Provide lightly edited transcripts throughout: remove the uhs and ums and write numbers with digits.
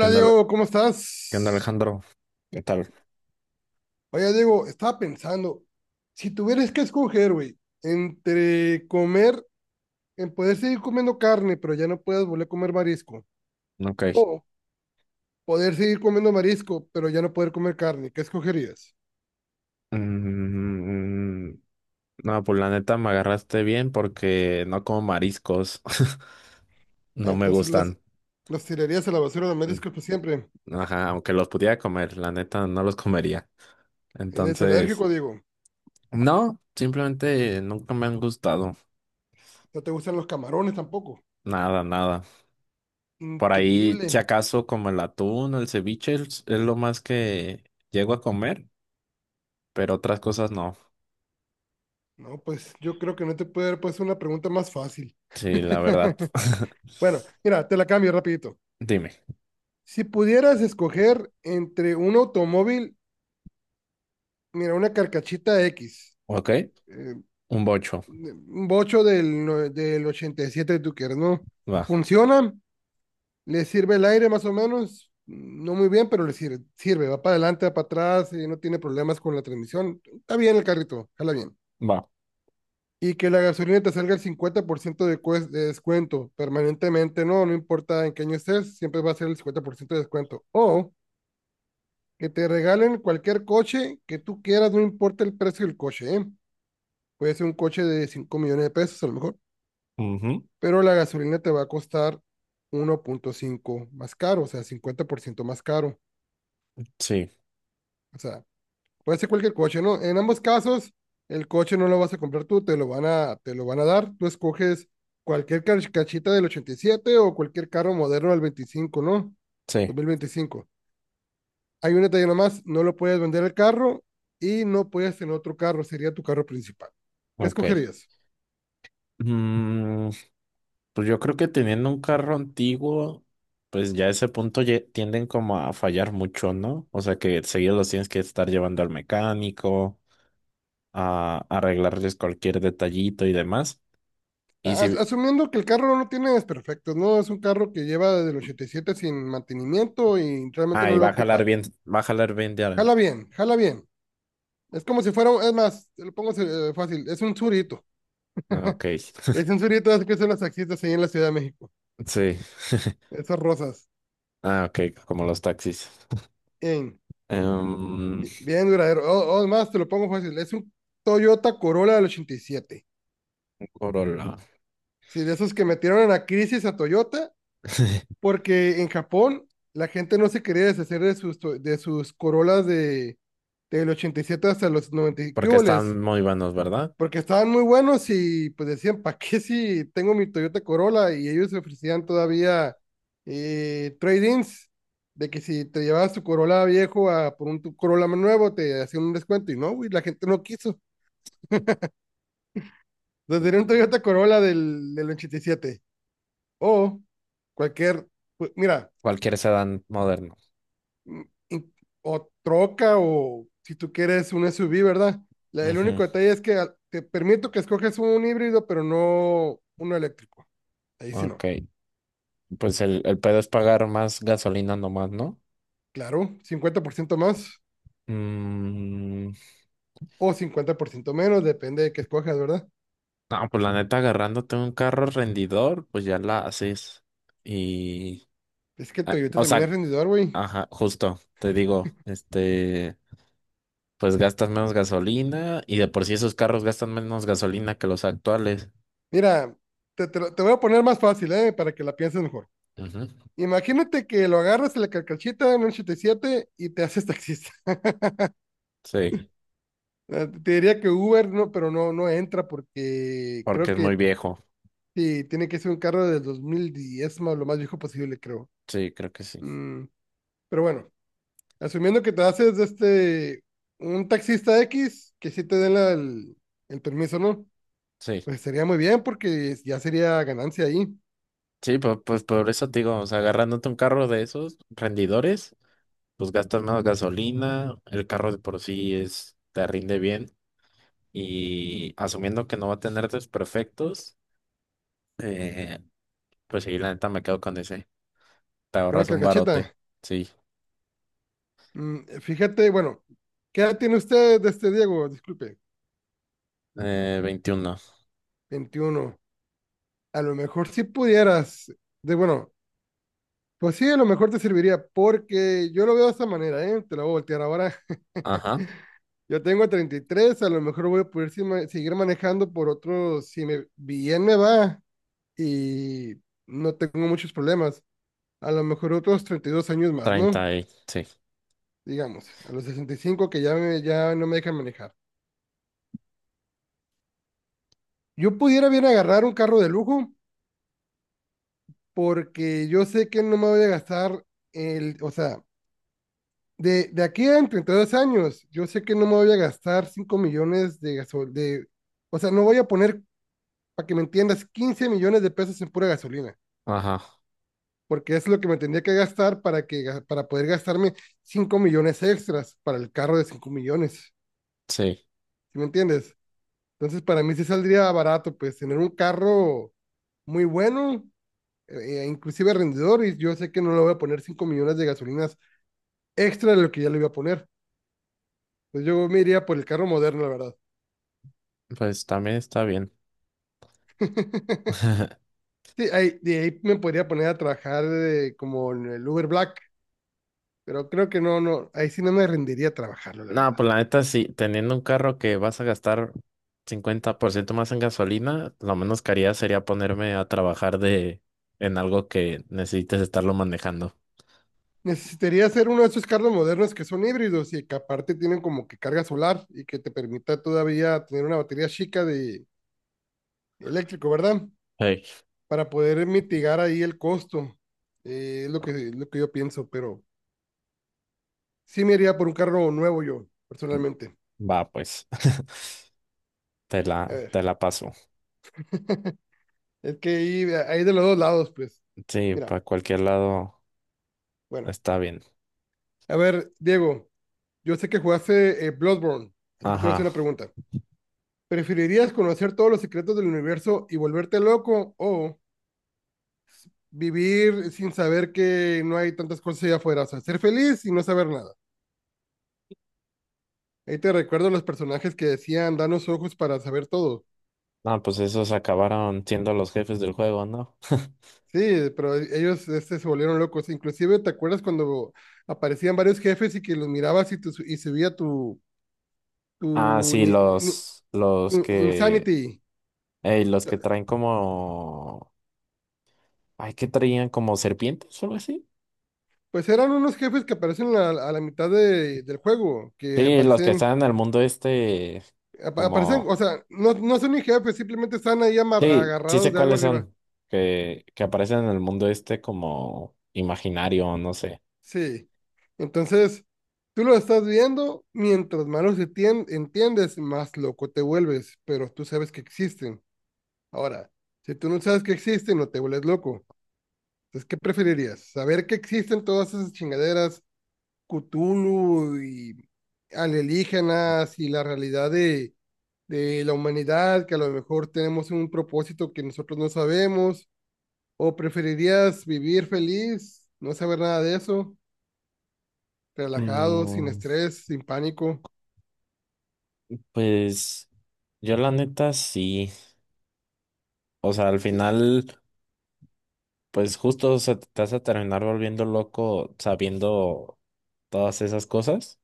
¿Qué onda, Diego, ¿cómo qué onda, estás? Alejandro? ¿Qué tal? Oye Diego, estaba pensando, si tuvieras que escoger, güey, entre comer, en poder seguir comiendo carne, pero ya no puedes volver a comer marisco, Ok. o poder seguir comiendo marisco, pero ya no poder comer carne, ¿qué escogerías? Mm, no, pues la neta me agarraste bien porque no como mariscos. No me Entonces los, gustan. los tirarías a la basura de mariscos por siempre. Ajá, aunque los pudiera comer, la neta no los comería. Eres Entonces, alérgico, Diego. no, simplemente nunca me han gustado. No te gustan los camarones tampoco. Nada, nada. Por ahí, Increíble. si acaso, como el atún, el ceviche, es lo más que llego a comer, pero otras cosas no. No, pues yo creo que no te puede haber puesto una pregunta más fácil. Sí, la verdad. Bueno, mira, te la cambio rapidito. Dime, Si pudieras escoger entre un automóvil, mira, una carcachita X, ¿ok? eh, Un bocho. un bocho del, no- del 87, tú quieres, ¿no? Va. Funciona, le sirve el aire más o menos, no muy bien, pero le sirve, va para adelante, va para atrás, y no tiene problemas con la transmisión, está bien el carrito, jala bien. Va. Y que la gasolina te salga el 50% de descuento permanentemente, no importa en qué año estés, siempre va a ser el 50% de descuento. O que te regalen cualquier coche que tú quieras, no importa el precio del coche, ¿eh? Puede ser un coche de 5 millones de pesos a lo mejor, Ujú. pero la gasolina te va a costar 1,5 más caro, o sea, 50% más caro. Sí, O sea, puede ser cualquier coche, ¿no? En ambos casos, el coche no lo vas a comprar tú, te lo van a dar. Tú escoges cualquier cachita del 87 o cualquier carro moderno del 25, ¿no? sí, 2025. Hay un detalle nomás, no lo puedes vender el carro y no puedes tener otro carro, sería tu carro principal. ¿Qué ok. escogerías? Mm, pues yo creo que teniendo un carro antiguo, pues ya a ese punto tienden como a fallar mucho, ¿no? O sea que seguido los tienes que estar llevando al mecánico, a arreglarles cualquier detallito y demás. Y As- si... asumiendo que el carro no lo tiene desperfectos, ¿no? Es un carro que lleva desde el 87 sin mantenimiento y realmente Ah, no y lo va va a a jalar ocupar. bien, va a jalar bien Jala bien, jala bien. Es como si fuera, es más, te lo pongo fácil, es un surito. Ah, ok, Es un surito, así que son las taxistas ahí en la Ciudad de México. sí. Esas rosas. Ah, ok, como los taxis. Bien, Em, bien duradero. O más, te lo pongo fácil, es un Toyota Corolla del 87. Corolla. Sí, de esos que metieron en la crisis a Toyota porque en Japón la gente no se quería deshacer de sus Corolas del 87 hasta los 90 y qué Porque huboles, están muy buenos, ¿verdad? porque estaban muy buenos y pues decían, ¿para qué si tengo mi Toyota Corolla? Y ellos ofrecían todavía trade-ins, de que si te llevabas tu Corolla viejo a por un tu Corolla más nuevo, te hacían un descuento, y no, güey, la gente no quiso. Entonces era un Toyota Corolla del 87 o cualquier, pues, mira, Cualquier sedán moderno. mm, in- o troca o si tú quieres un SUV, ¿verdad? El Ujú. único detalle es que te permito que escoges un híbrido, pero no uno eléctrico. Ahí sí Ok, no. pues el pedo es pagar más gasolina nomás, ¿no? Claro, 50% más Mm, o 50% menos, depende de qué escojas, ¿verdad? no, pues la neta, agarrándote un carro rendidor, pues ya la haces. Y, Es que ah, Toyota o también sea, es rendidor, güey. ajá, justo, te digo, pues gastas menos gasolina y de por sí esos carros gastan menos gasolina que los actuales. Mira, te voy a poner más fácil, ¿eh? Para que la pienses mejor. Ujú. Imagínate que lo agarras en la carcachita en un 87 y siete y te haces taxista. Sí, Te diría que Uber no, pero no entra porque porque creo es muy que. viejo. Sí, tiene que ser un carro del 2010, más lo más viejo posible, creo. Sí, creo que sí. Mm, pero bueno, asumiendo que te haces de este un taxista X, que sí te den el permiso, ¿no? Sí, Pues sería muy bien porque ya sería ganancia ahí. sí, pues, pues por eso te digo, o sea, agarrándote un carro de esos rendidores. Pues gastas menos gasolina, el carro de por sí es, te rinde bien y asumiendo que no va a tener desperfectos, eh, pues sí, la neta me quedo con ese. Te Una ahorras un carcachita. barote, sí. Fíjate, bueno, ¿qué edad tiene usted, de este Diego? Disculpe, 21, 21. A lo mejor si pudieras, de bueno, pues sí, a lo mejor te serviría porque yo lo veo de esta manera, ¿eh? Te lo voy a voltear ahora. ajá, Yo tengo 33, a lo mejor voy a poder seguir manejando por otros, si me, bien me va y no tengo muchos problemas, a lo mejor otros 32 años más, ¿no? 30 y sí, Digamos, a los 65 que ya, ya no me dejan manejar. Yo pudiera bien agarrar un carro de lujo porque yo sé que no me voy a gastar el, o sea, de aquí a en 32 años, yo sé que no me voy a gastar 5 millones de o sea, no voy a poner, para que me entiendas, 15 millones de pesos en pura gasolina. ajá, Porque es lo que me tendría que gastar para poder gastarme 5 millones extras para el carro de 5 millones, sí, ¿sí me entiendes? Entonces, para mí sí saldría barato, pues, tener un carro muy bueno, e inclusive rendidor, y yo sé que no le voy a poner 5 millones de gasolinas extra de lo que ya le iba a poner. Pues yo me iría por el carro moderno, la verdad. pues también está bien. Sí, ahí, de ahí me podría poner a trabajar como en el Uber Black, pero creo que no, ahí sí no me rendiría trabajarlo, la No, verdad. pues la neta sí, teniendo un carro que vas a gastar 50% más en gasolina, lo menos que haría sería ponerme a trabajar de en algo que necesites estarlo manejando. Necesitaría ser uno de esos carros modernos que son híbridos y que aparte tienen como que carga solar y que te permita todavía tener una batería chica de eléctrico, ¿verdad? Sí. Para poder mitigar ahí el costo. Es lo que yo pienso, pero sí me iría por un carro nuevo yo, personalmente. Va, pues, A ver, te la paso. es que ahí de los dos lados, pues. Sí, Mira, para cualquier lado bueno. está bien. A ver, Diego, yo sé que jugaste Bloodborne, así que te voy a hacer Ajá. una pregunta. ¿Preferirías conocer todos los secretos del universo y volverte loco o vivir sin saber que no hay tantas cosas allá afuera, o sea, ser feliz y no saber nada? Ahí te recuerdo los personajes que decían, danos ojos para saber todo. Ah, pues esos acabaron siendo los jefes del juego, ¿no? Sí, pero ellos este, se volvieron locos. Inclusive, ¿te acuerdas cuando aparecían varios jefes y que los mirabas y subía tu, Ah, tu, sí, ni- ni- tu insanity? ey, los que traen como, ay, qué traían como serpientes o algo así. Pues eran unos jefes que aparecen a la mitad del juego, que Sí, los que aparecen, están en el mundo este, apa- aparecen, o como, sea, no son ni jefes, simplemente están ahí sí, sí agarrados sé de algo cuáles arriba. son, que aparecen en el mundo este como imaginario, no sé. Sí. Entonces, tú lo estás viendo, mientras más los entiendes, más loco te vuelves, pero tú sabes que existen. Ahora, si tú no sabes que existen, no te vuelves loco. Entonces, ¿qué preferirías? ¿Saber que existen todas esas chingaderas, Cthulhu y alienígenas y la realidad de la humanidad, que a lo mejor tenemos un propósito que nosotros no sabemos? ¿O preferirías vivir feliz, no saber nada de eso? Relajado, sin Mm, estrés, sin pánico. Pues yo la neta sí, o sea, al Sí, final, pues justo o sea, te vas a terminar volviendo loco sabiendo todas esas cosas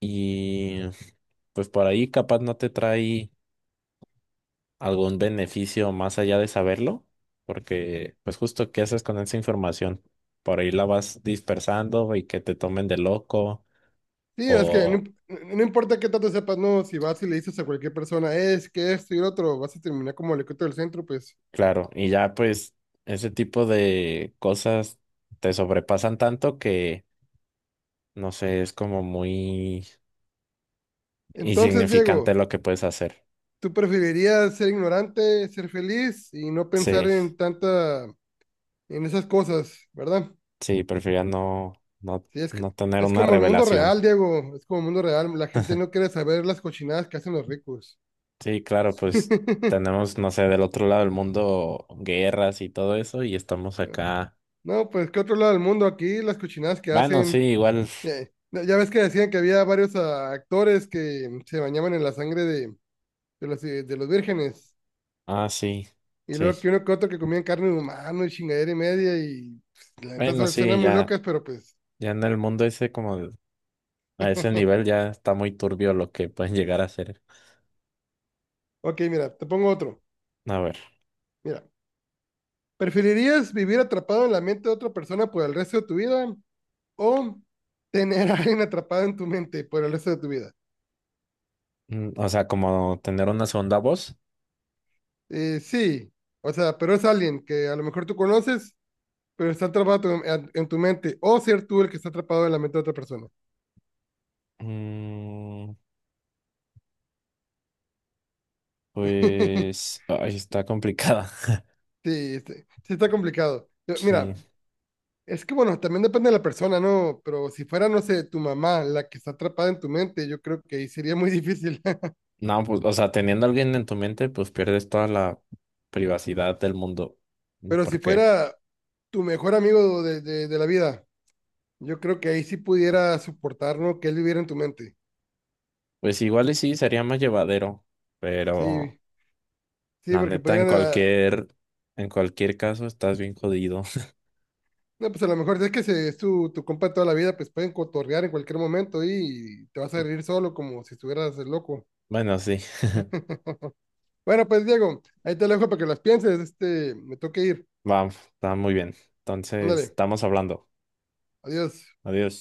y pues por ahí capaz no te trae algún beneficio más allá de saberlo, porque pues justo qué haces con esa información, por ahí la vas dispersando y que te tomen de loco sí es que no, o no, importa qué tanto sepas, no, si vas y le dices a cualquier persona, es que esto y lo otro, vas a terminar como el ecote del centro, pues. claro, y ya pues ese tipo de cosas te sobrepasan tanto que no sé, es como muy Entonces, insignificante Diego, lo que puedes hacer. ¿tú preferirías ser ignorante, ser feliz y no pensar Sí, en tanta, en esas cosas, verdad? sí, prefería no, Sí, es que... no tener Es una como el mundo revelación. real, Diego. Es como el mundo real. La gente no quiere saber las cochinadas que hacen los ricos. Sí, claro, pues tenemos, no sé, del otro lado del mundo guerras y todo eso y estamos acá. No, pues que otro lado del mundo aquí, las cochinadas que Bueno, sí, hacen. igual. Ya, ya ves que decían que había varios actores que se bañaban en la sangre de los vírgenes. Ah, sí, Y sí. luego que uno que otro que comían carne humana y chingadera y media. Y pues, la neta Bueno, sí, suenan muy ya, locas, pero pues. ya en el mundo ese como a ese nivel ya está muy turbio lo que pueden llegar a hacer. Ok, mira, te pongo otro. A ver, Mira, ¿preferirías vivir atrapado en la mente de otra persona por el resto de tu vida o tener a alguien atrapado en tu mente por el resto de tu vida? mm, o sea, como tener una segunda voz. Sí, o sea, pero es alguien que a lo mejor tú conoces, pero está atrapado en tu mente, o ser tú el que está atrapado en la mente de otra persona. Mm, Pues, ay, está complicada. Sí, sí, sí está complicado. Sí. Mira, es que bueno, también depende de la persona, ¿no? Pero si fuera, no sé, tu mamá la que está atrapada en tu mente, yo creo que ahí sería muy difícil. No, pues, o sea, teniendo a alguien en tu mente, pues pierdes toda la privacidad del mundo. Pero si ¿Por qué? fuera tu mejor amigo de la vida, yo creo que ahí sí pudiera soportar, ¿no? Que él viviera en tu mente. Pues igual y sí, sería más llevadero, pero Sí, sí, la porque neta, pudieran, en cualquier caso, estás bien jodido. no, pues a lo mejor si es que es tu compa toda la vida, pues pueden cotorrear en cualquier momento y te vas a reír solo como si estuvieras loco. Bueno, sí, Bueno, pues Diego, ahí te lo dejo para que las pienses. Este, me toca ir. va, está muy bien. Entonces, Ándale, estamos hablando. adiós. Adiós.